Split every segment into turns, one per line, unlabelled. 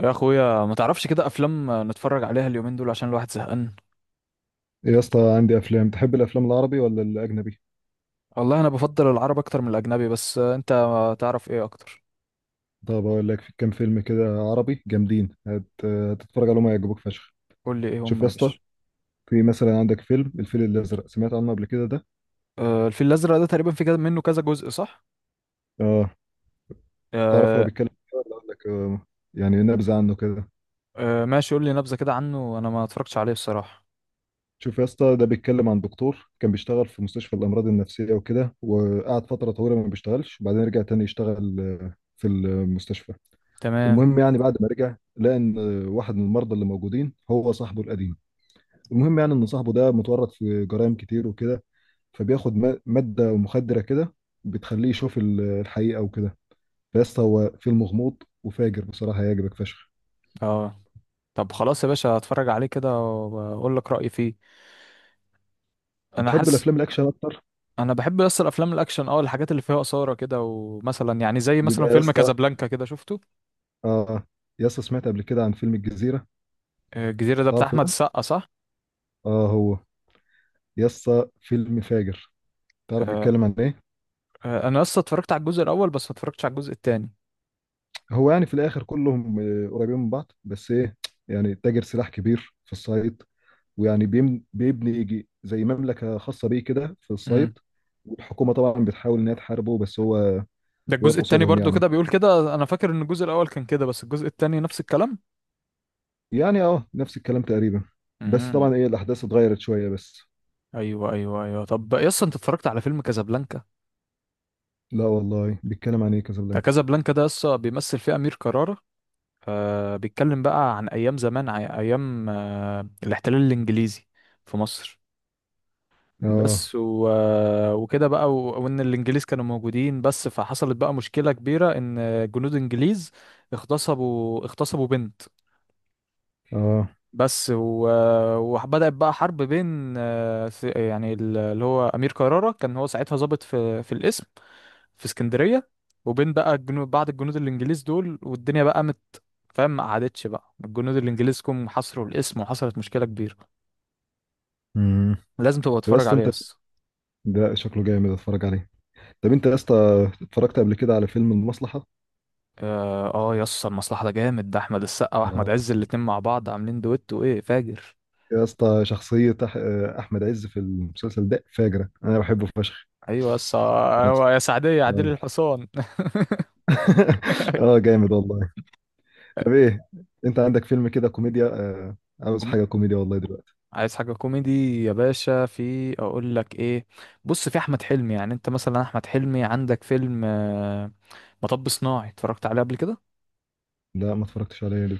يا اخويا، ما تعرفش كده افلام نتفرج عليها اليومين دول عشان الواحد زهقان؟
يا اسطى عندي افلام. تحب الافلام العربي ولا الاجنبي؟
والله انا بفضل العرب اكتر من الاجنبي، بس انت تعرف ايه اكتر؟
طب اقول لك في كام فيلم كده عربي جامدين، هتتفرج عليهم هيعجبوك فشخ.
قول لي ايه
شوف
هم
يا
يا
اسطى،
باشا.
في مثلا عندك فيلم الفيل الازرق، سمعت عنه قبل كده ده؟
آه، الفيل الازرق ده تقريبا في كده منه كذا جزء صح؟
اه. تعرف هو
آه.
بيتكلم إيه ولا اقول لك يعني نبذه عنه كده؟
آه، ماشي، قول لي نبذة كده عنه، انا ما اتفرجتش عليه الصراحة.
شوف يا اسطى، ده بيتكلم عن دكتور كان بيشتغل في مستشفى الامراض النفسيه وكده، وقعد فتره طويله ما بيشتغلش، وبعدين رجع تاني يشتغل في المستشفى.
تمام.
المهم يعني بعد ما رجع لقى ان واحد من المرضى اللي موجودين هو صاحبه القديم. المهم يعني ان صاحبه ده متورط في جرائم كتير وكده، فبياخد ماده مخدره كده بتخليه يشوف الحقيقه وكده. فيسطا هو فيلم غموض وفاجر بصراحه، هيعجبك فشخ.
اه. طب خلاص يا باشا، اتفرج عليه كده واقول لك رايي فيه. انا
بتحب
حاسس.
الافلام الاكشن اكتر؟
انا بحب بس الافلام الاكشن، الحاجات اللي فيها اثاره كده، ومثلا يعني زي مثلا
يبقى يا
فيلم
اسطى،
كازابلانكا، كده شفته؟
اه، يا اسطى سمعت قبل كده عن فيلم الجزيره؟
آه، الجزيره ده بتاع
تعرفه
احمد
ده؟
السقا صح؟
اه هو. يا اسطى فيلم فاجر. تعرف
آه.
بيتكلم عن ايه؟
آه، انا اصلا اتفرجت على الجزء الاول، بس ما اتفرجتش على الجزء التاني.
هو يعني في الاخر كلهم قريبين من بعض، بس ايه، يعني تاجر سلاح كبير في الصعيد، ويعني بيبني يجي زي مملكة خاصة بيه كده في الصيد.
امم.
والحكومة طبعا بتحاول إن هي تحاربه، بس هو
ده الجزء
واقف
التاني
قصادهم
برضو كده
يعني.
بيقول كده، انا فاكر ان الجزء الاول كان كده، بس الجزء التاني نفس الكلام.
يعني نفس الكلام تقريبا، بس
امم.
طبعا ايه الأحداث اتغيرت شوية بس.
ايوه، ايوه، ايوه، طب يا اسطى، انت اتفرجت على فيلم كازابلانكا؟
لا والله، بيتكلم عن ايه
ده
كازابلانكا؟
كازابلانكا ده يسطا بيمثل فيه امير كرارة. آه، بيتكلم بقى عن ايام زمان، ايام الاحتلال الانجليزي في مصر.
اه.
بس و... آه، وكده بقى وان الانجليز كانوا موجودين، بس فحصلت بقى مشكلة كبيرة، ان جنود انجليز اغتصبوا بنت.
اه.
بس و... وبدأت بقى حرب بين يعني اللي هو أمير كرارة كان هو ساعتها ضابط في القسم في اسكندرية، وبين بقى الجنود، بعض الجنود الإنجليز دول، والدنيا بقى قامت. فاهم؟ ما قعدتش، بقى الجنود الإنجليز جم حصروا القسم وحصلت مشكلة كبيرة.
امم.
لازم تبقى
طب يا
تتفرج
اسطى
عليه
انت،
يس.
ده شكله جامد، اتفرج عليه. طب انت يا اسطى، اتفرجت قبل كده على فيلم المصلحة؟
اه. آه، يس، المصلحة ده جامد، ده أحمد السقا وأحمد
اه يا
عز
اسطى.
الاتنين مع بعض عاملين دويتو، وإيه، فاجر.
يا اسطى شخصية أحمد عز في المسلسل ده فاجرة، أنا بحبه فشخ.
أيوة يس، آه، أيوة يا سعدية عديل الحصان.
اه، جامد والله. طب ايه، انت عندك فيلم كده كوميديا؟ عاوز حاجه كوميديا والله دلوقتي.
عايز حاجة كوميدي يا باشا، في اقول لك ايه. بص، في احمد حلمي، يعني انت مثلا احمد حلمي عندك فيلم مطب صناعي، اتفرجت عليه قبل كده؟
لا، ما اتفرجتش عليه، ليه؟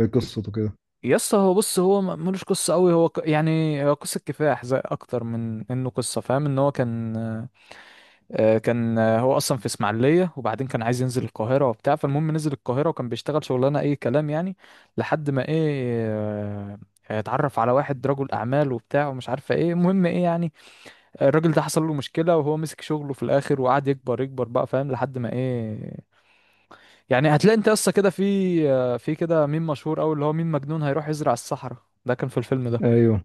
ايه قصته كده؟
يس، هو بص، هو ملوش قصة قوي، هو يعني هو قصة كفاح زي، اكتر من انه قصة، فاهم؟ ان هو كان، كان، هو اصلا في اسماعيلية، وبعدين كان عايز ينزل القاهرة وبتاع، فالمهم نزل القاهرة وكان بيشتغل شغلانة اي كلام يعني، لحد ما ايه، آه، اتعرف على واحد رجل اعمال وبتاع، ومش عارفة ايه، المهم ايه يعني، الراجل ده حصل له مشكلة، وهو مسك شغله في الآخر وقعد يكبر يكبر بقى، فاهم، لحد ما إيه، يعني هتلاقي أنت أصلا كده في كده ميم مشهور أوي، اللي هو ميم مجنون هيروح يزرع الصحراء، ده كان في الفيلم ده.
ايوه،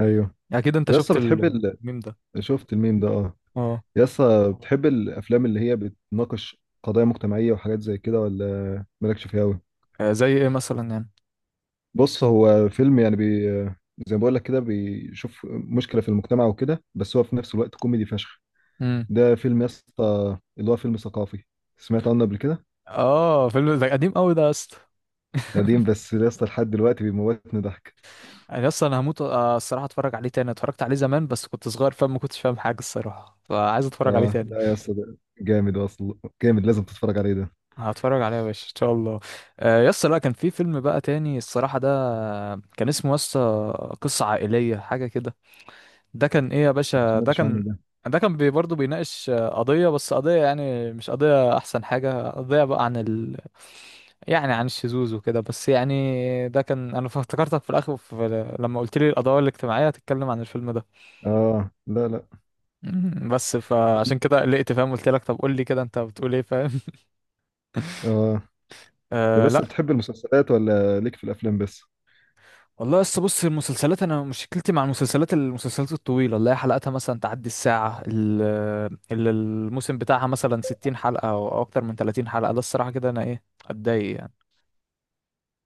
ايوه.
يعني أكيد أنت
طب يسا،
شفت
بتحب
الميم ده.
شفت الميم ده؟ اه.
أه.
يسا بتحب الافلام اللي هي بتناقش قضايا مجتمعيه وحاجات زي كده، ولا مالكش فيها قوي؟
آه، زي إيه مثلا يعني؟
بص، هو فيلم يعني زي ما بقول لك كده، بيشوف مشكله في المجتمع وكده، بس هو في نفس الوقت كوميدي فشخ.
امم.
ده فيلم يسا، اللي هو فيلم ثقافي، سمعت عنه قبل كده؟
أه، فيلم ده قديم أوي ده يا اسطى.
قديم بس يا اسطى لحد دلوقتي بيموتني ضحك.
يعني أصلا أنا هموت، الصراحة أتفرج عليه تاني، اتفرجت عليه زمان بس كنت صغير، فما كنتش فاهم حاجة الصراحة، فعايز أتفرج عليه
اه
تاني.
لا يا اسطى، ده جامد اصلا، جامد، لازم تتفرج عليه ده.
هتفرج عليها يا باشا ان شاء الله. آه، يا اسطى، لا، كان في فيلم بقى تاني الصراحه، ده كان اسمه يا اسطى قصه عائليه حاجه كده. ده كان ايه يا
ما
باشا، ده
سمعتش عنه
كان،
ده.
ده كان برضه بيناقش، قضيه، بس قضيه يعني، مش قضيه احسن حاجه، قضيه بقى عن ال، يعني عن الشذوذ وكده، بس يعني ده كان، انا افتكرتك في الاخر لما قلت لي القضايا الاجتماعيه هتتكلم عن الفيلم ده.
اه، لا لا.
بس فعشان كده قلقت، فاهم، قلت لك طب قول لي كده انت بتقول ايه، فاهم.
اه. طب
آه،
بس
لا.
بتحب المسلسلات ولا ليك في الافلام بس؟
والله لسه، بص، المسلسلات، انا مشكلتي مع المسلسلات، المسلسلات الطويله اللي هي حلقاتها مثلا تعدي الساعه اللي الموسم بتاعها مثلا 60 حلقه او اكتر من 30 حلقه، ده الصراحه كده انا ايه، اتضايق يعني.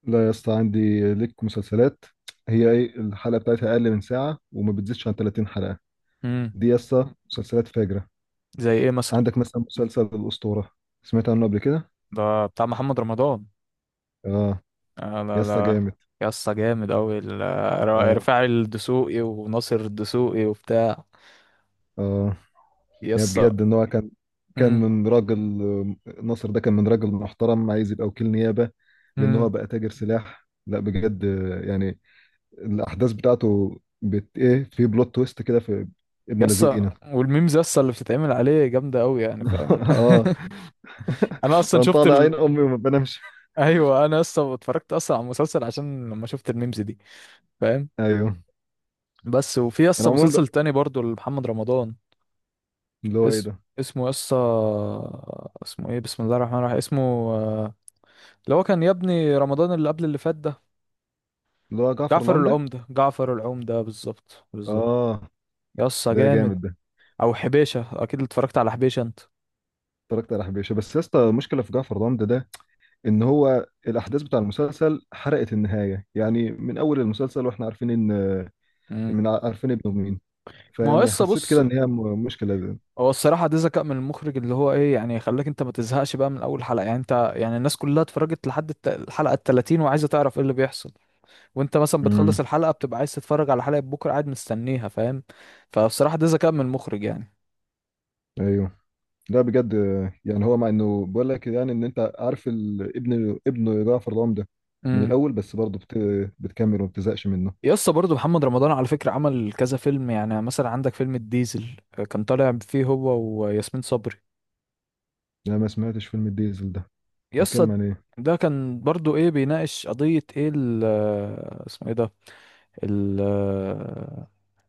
لا يا اسطى، عندي ليك مسلسلات، هي ايه الحلقه بتاعتها اقل من ساعه، وما بتزيدش عن 30 حلقه.
امم.
دي يا اسطى مسلسلات فاجره.
زي ايه مثلا؟
عندك مثلا مسلسل الاسطوره، سمعت عنه قبل كده؟
ده بتاع محمد رمضان.
اه
آه،
يا
لا
اسطى
لا،
جامد.
يا اسطى جامد قوي،
اه،
رفاعي الدسوقي وناصر الدسوقي وبتاع،
اه.
يا
يعني
اسطى.
بجد ان هو كان،
امم.
من راجل، ناصر ده كان من راجل محترم عايز يبقى وكيل نيابة، لان هو
امم.
بقى تاجر سلاح، لا بجد. يعني الاحداث بتاعته ايه، في بلوت تويست كده في ابن
يا
لذينه.
اسطى، والميمز يا اسطى اللي بتتعمل عليه جامده قوي يعني، فاهم.
اه.
انا اصلا
انا
شفت
طالع عين امي وما بنامش.
ايوه، انا اصلا اتفرجت اصلا على المسلسل عشان لما شفت الميمز دي، فاهم.
ايوه.
بس وفي اصلا
العموم بقى،
مسلسل تاني برضو لمحمد رمضان.
اللي هو ايه
اسم
ده،
اسمه يسا، اسمه ايه، بسم الله الرحمن الرحيم، اسمه، آه، اللي هو كان يا ابني رمضان، اللي قبل اللي فات ده.
اللي هو جعفر
جعفر
العمدة.
العمدة، جعفر العمدة بالظبط بالظبط.
اه.
يسا
ده
جامد.
جامد ده.
او حبيشة، اكيد اتفرجت على حبيشة انت.
اتفرجت على حبيشه، بس يا اسطى المشكله في جعفر العمدة ده ان هو الاحداث بتاع المسلسل حرقت النهايه، يعني من اول المسلسل واحنا عارفين ان،
امم.
عارفين ابنه مين.
ما هو
فيعني
يسا،
حسيت
بص،
كده ان هي مشكله دي.
هو الصراحة ده ذكاء من المخرج، اللي هو ايه يعني، خلاك انت ما تزهقش بقى من اول حلقة، يعني انت، يعني الناس كلها اتفرجت لحد الحلقة التلاتين، وعايزة تعرف ايه اللي بيحصل، وانت مثلا بتخلص
امم.
الحلقة بتبقى عايز تتفرج على حلقة بكرة، قاعد مستنيها، فاهم. فبصراحة ده ذكاء من المخرج يعني.
ايوه. لا بجد. يعني هو مع انه بقول لك يعني ان انت عارف ابن جعفر العمدة ده من
امم.
الاول، بس برضه بتكمل وما بتزهقش منه.
يسطا برضه محمد رمضان على فكرة عمل كذا فيلم، يعني مثلا عندك فيلم الديزل، كان طالع فيه هو وياسمين صبري.
لا، ما سمعتش فيلم الديزل ده. بيتكلم
يسطا،
عن ايه؟
ده كان برضه ايه، بيناقش قضية ايه اسمه ايه ده، ال،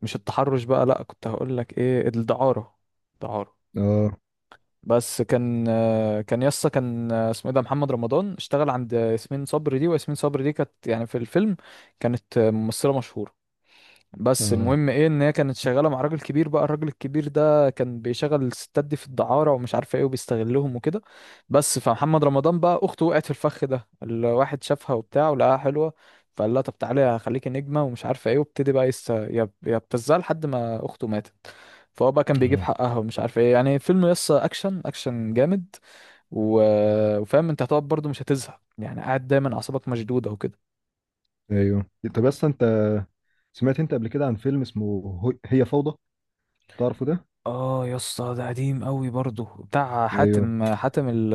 مش التحرش بقى، لا كنت هقول لك ايه، الدعارة، دعارة،
اه،
بس كان، كان يسا كان اسمه ايه ده، محمد رمضان اشتغل عند ياسمين صبري دي، وياسمين صبري دي كانت يعني في الفيلم كانت ممثلة مشهورة، بس
اه،
المهم ايه، ان هي كانت شغاله مع راجل كبير بقى، الراجل الكبير ده كان بيشغل الستات دي في الدعاره ومش عارفه ايه، وبيستغلهم وكده. بس فمحمد رمضان بقى اخته وقعت في الفخ ده، الواحد شافها وبتاع ولقاها حلوه، فقال لها طب تعالي هخليكي نجمه ومش عارفه ايه، وابتدي بقى يبتزها لحد ما اخته ماتت، فهو بقى كان بيجيب
اه.
حقها ومش عارف ايه، يعني فيلم يسا اكشن اكشن جامد. و... وفاهم انت هتقعد برضو مش هتزهق، يعني قاعد دايما اعصابك مشدوده وكده.
ايوه. طب بس انت، سمعت انت قبل كده عن فيلم اسمه هي فوضى؟ تعرفه ده؟
اه يا اسطى، ده قديم قوي برضه، بتاع
ايوه،
حاتم ال،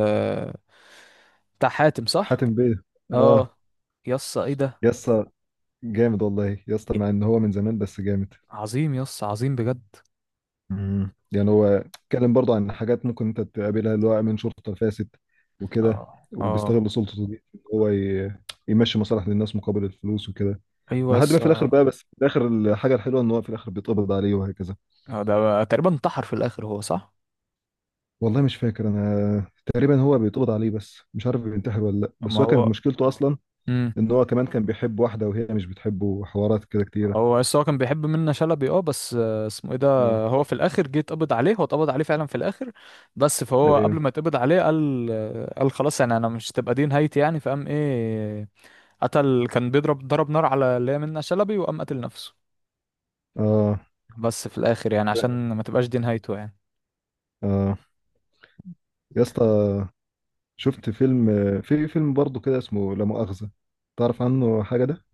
بتاع حاتم صح؟
حاتم بيه. اه.
اه، يا اسطى ايه ده،
يا اسطى جامد والله، يا اسطى
ج-
مع ان هو من زمان بس جامد.
عظيم يا اسطى، عظيم بجد.
امم. يعني هو اتكلم برضه عن حاجات ممكن انت تقابلها، اللي هو امين شرطه فاسد وكده،
اه، اه،
وبيستغل سلطته دي إن هو يمشي مصالح للناس مقابل الفلوس وكده.
ايوه يا
لحد ما في الاخر
اسطى.
بقى، بس في الاخر الحاجه الحلوه ان هو في الاخر بيتقبض عليه وهكذا.
آه، ده تقريبا انتحر في الاخر هو صح؟
والله مش فاكر، انا تقريبا هو بيتقبض عليه، بس مش عارف بينتحر ولا لا،
ما
بس هو كانت
هو،
مشكلته اصلا
امم،
ان هو كمان كان بيحب واحده وهي مش بتحبه، وحوارات كده كتيره.
هو بس هو كان بيحب منة شلبي، اه، بس اسمه ايه ده،
اه.
هو في الاخر جه اتقبض عليه، هو اتقبض عليه فعلا في الاخر، بس فهو قبل
ايوه.
ما اتقبض عليه قال، قال خلاص، يعني انا مش تبقى دي نهايتي يعني، فقام ايه، قتل، كان بيضرب ضرب نار على اللي هي منة شلبي، وقام قتل نفسه،
اه،
بس في الاخر يعني عشان ما تبقاش دي نهايته يعني.
اه. يا اسطى شفت فيلم، في فيلم برضه كده اسمه لا مؤاخذة، تعرف عنه حاجة ده؟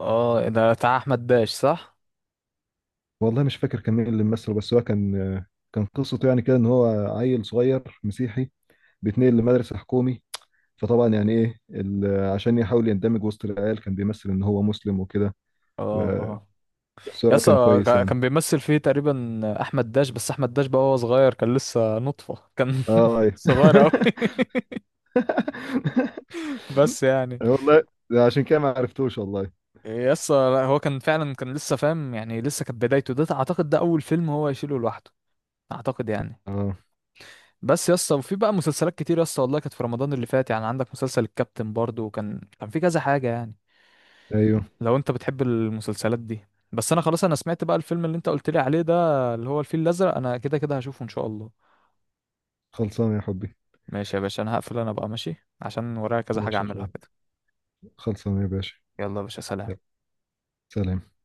اه، ده بتاع احمد داش صح.
والله مش فاكر كان مين اللي مثله، بس هو كان، قصته يعني كده ان هو عيل صغير مسيحي بيتنقل لمدرسة حكومي، فطبعا يعني ايه عشان يحاول يندمج وسط العيال كان بيمثل ان هو مسلم وكده.
اه،
ب-
اه،
بس هو كان
يسا
كويس يعني.
كان بيمثل فيه تقريبا احمد داش، بس احمد داش بقى وهو صغير كان لسه نطفة كان،
اه أيوه.
صغير قوي. بس يعني،
والله ده عشان كده ما عرفتوش والله.
يسا لا، هو كان فعلا كان لسه، فاهم، يعني لسه كانت بدايته، ده اعتقد ده اول فيلم هو يشيله لوحده، اعتقد يعني.
اه.
بس يا اسطى، وفي بقى مسلسلات كتير يا اسطى والله، كانت في رمضان اللي فات يعني، عندك مسلسل الكابتن برضو، وكان في كذا حاجة يعني،
ايوه.
لو انت بتحب المسلسلات دي. بس انا خلاص، انا سمعت بقى الفيلم اللي انت قلت لي عليه ده، اللي هو الفيل الازرق، انا كده كده هشوفه ان شاء الله.
خلصان يا حبي.
ماشي يا باشا، انا هقفل، انا بقى ماشي عشان ورايا كذا حاجة
ماشي يا
اعملها
اخويا،
كده.
خلصان يا باشا.
يلا يا باشا،
يلا.
سلام.
سلام.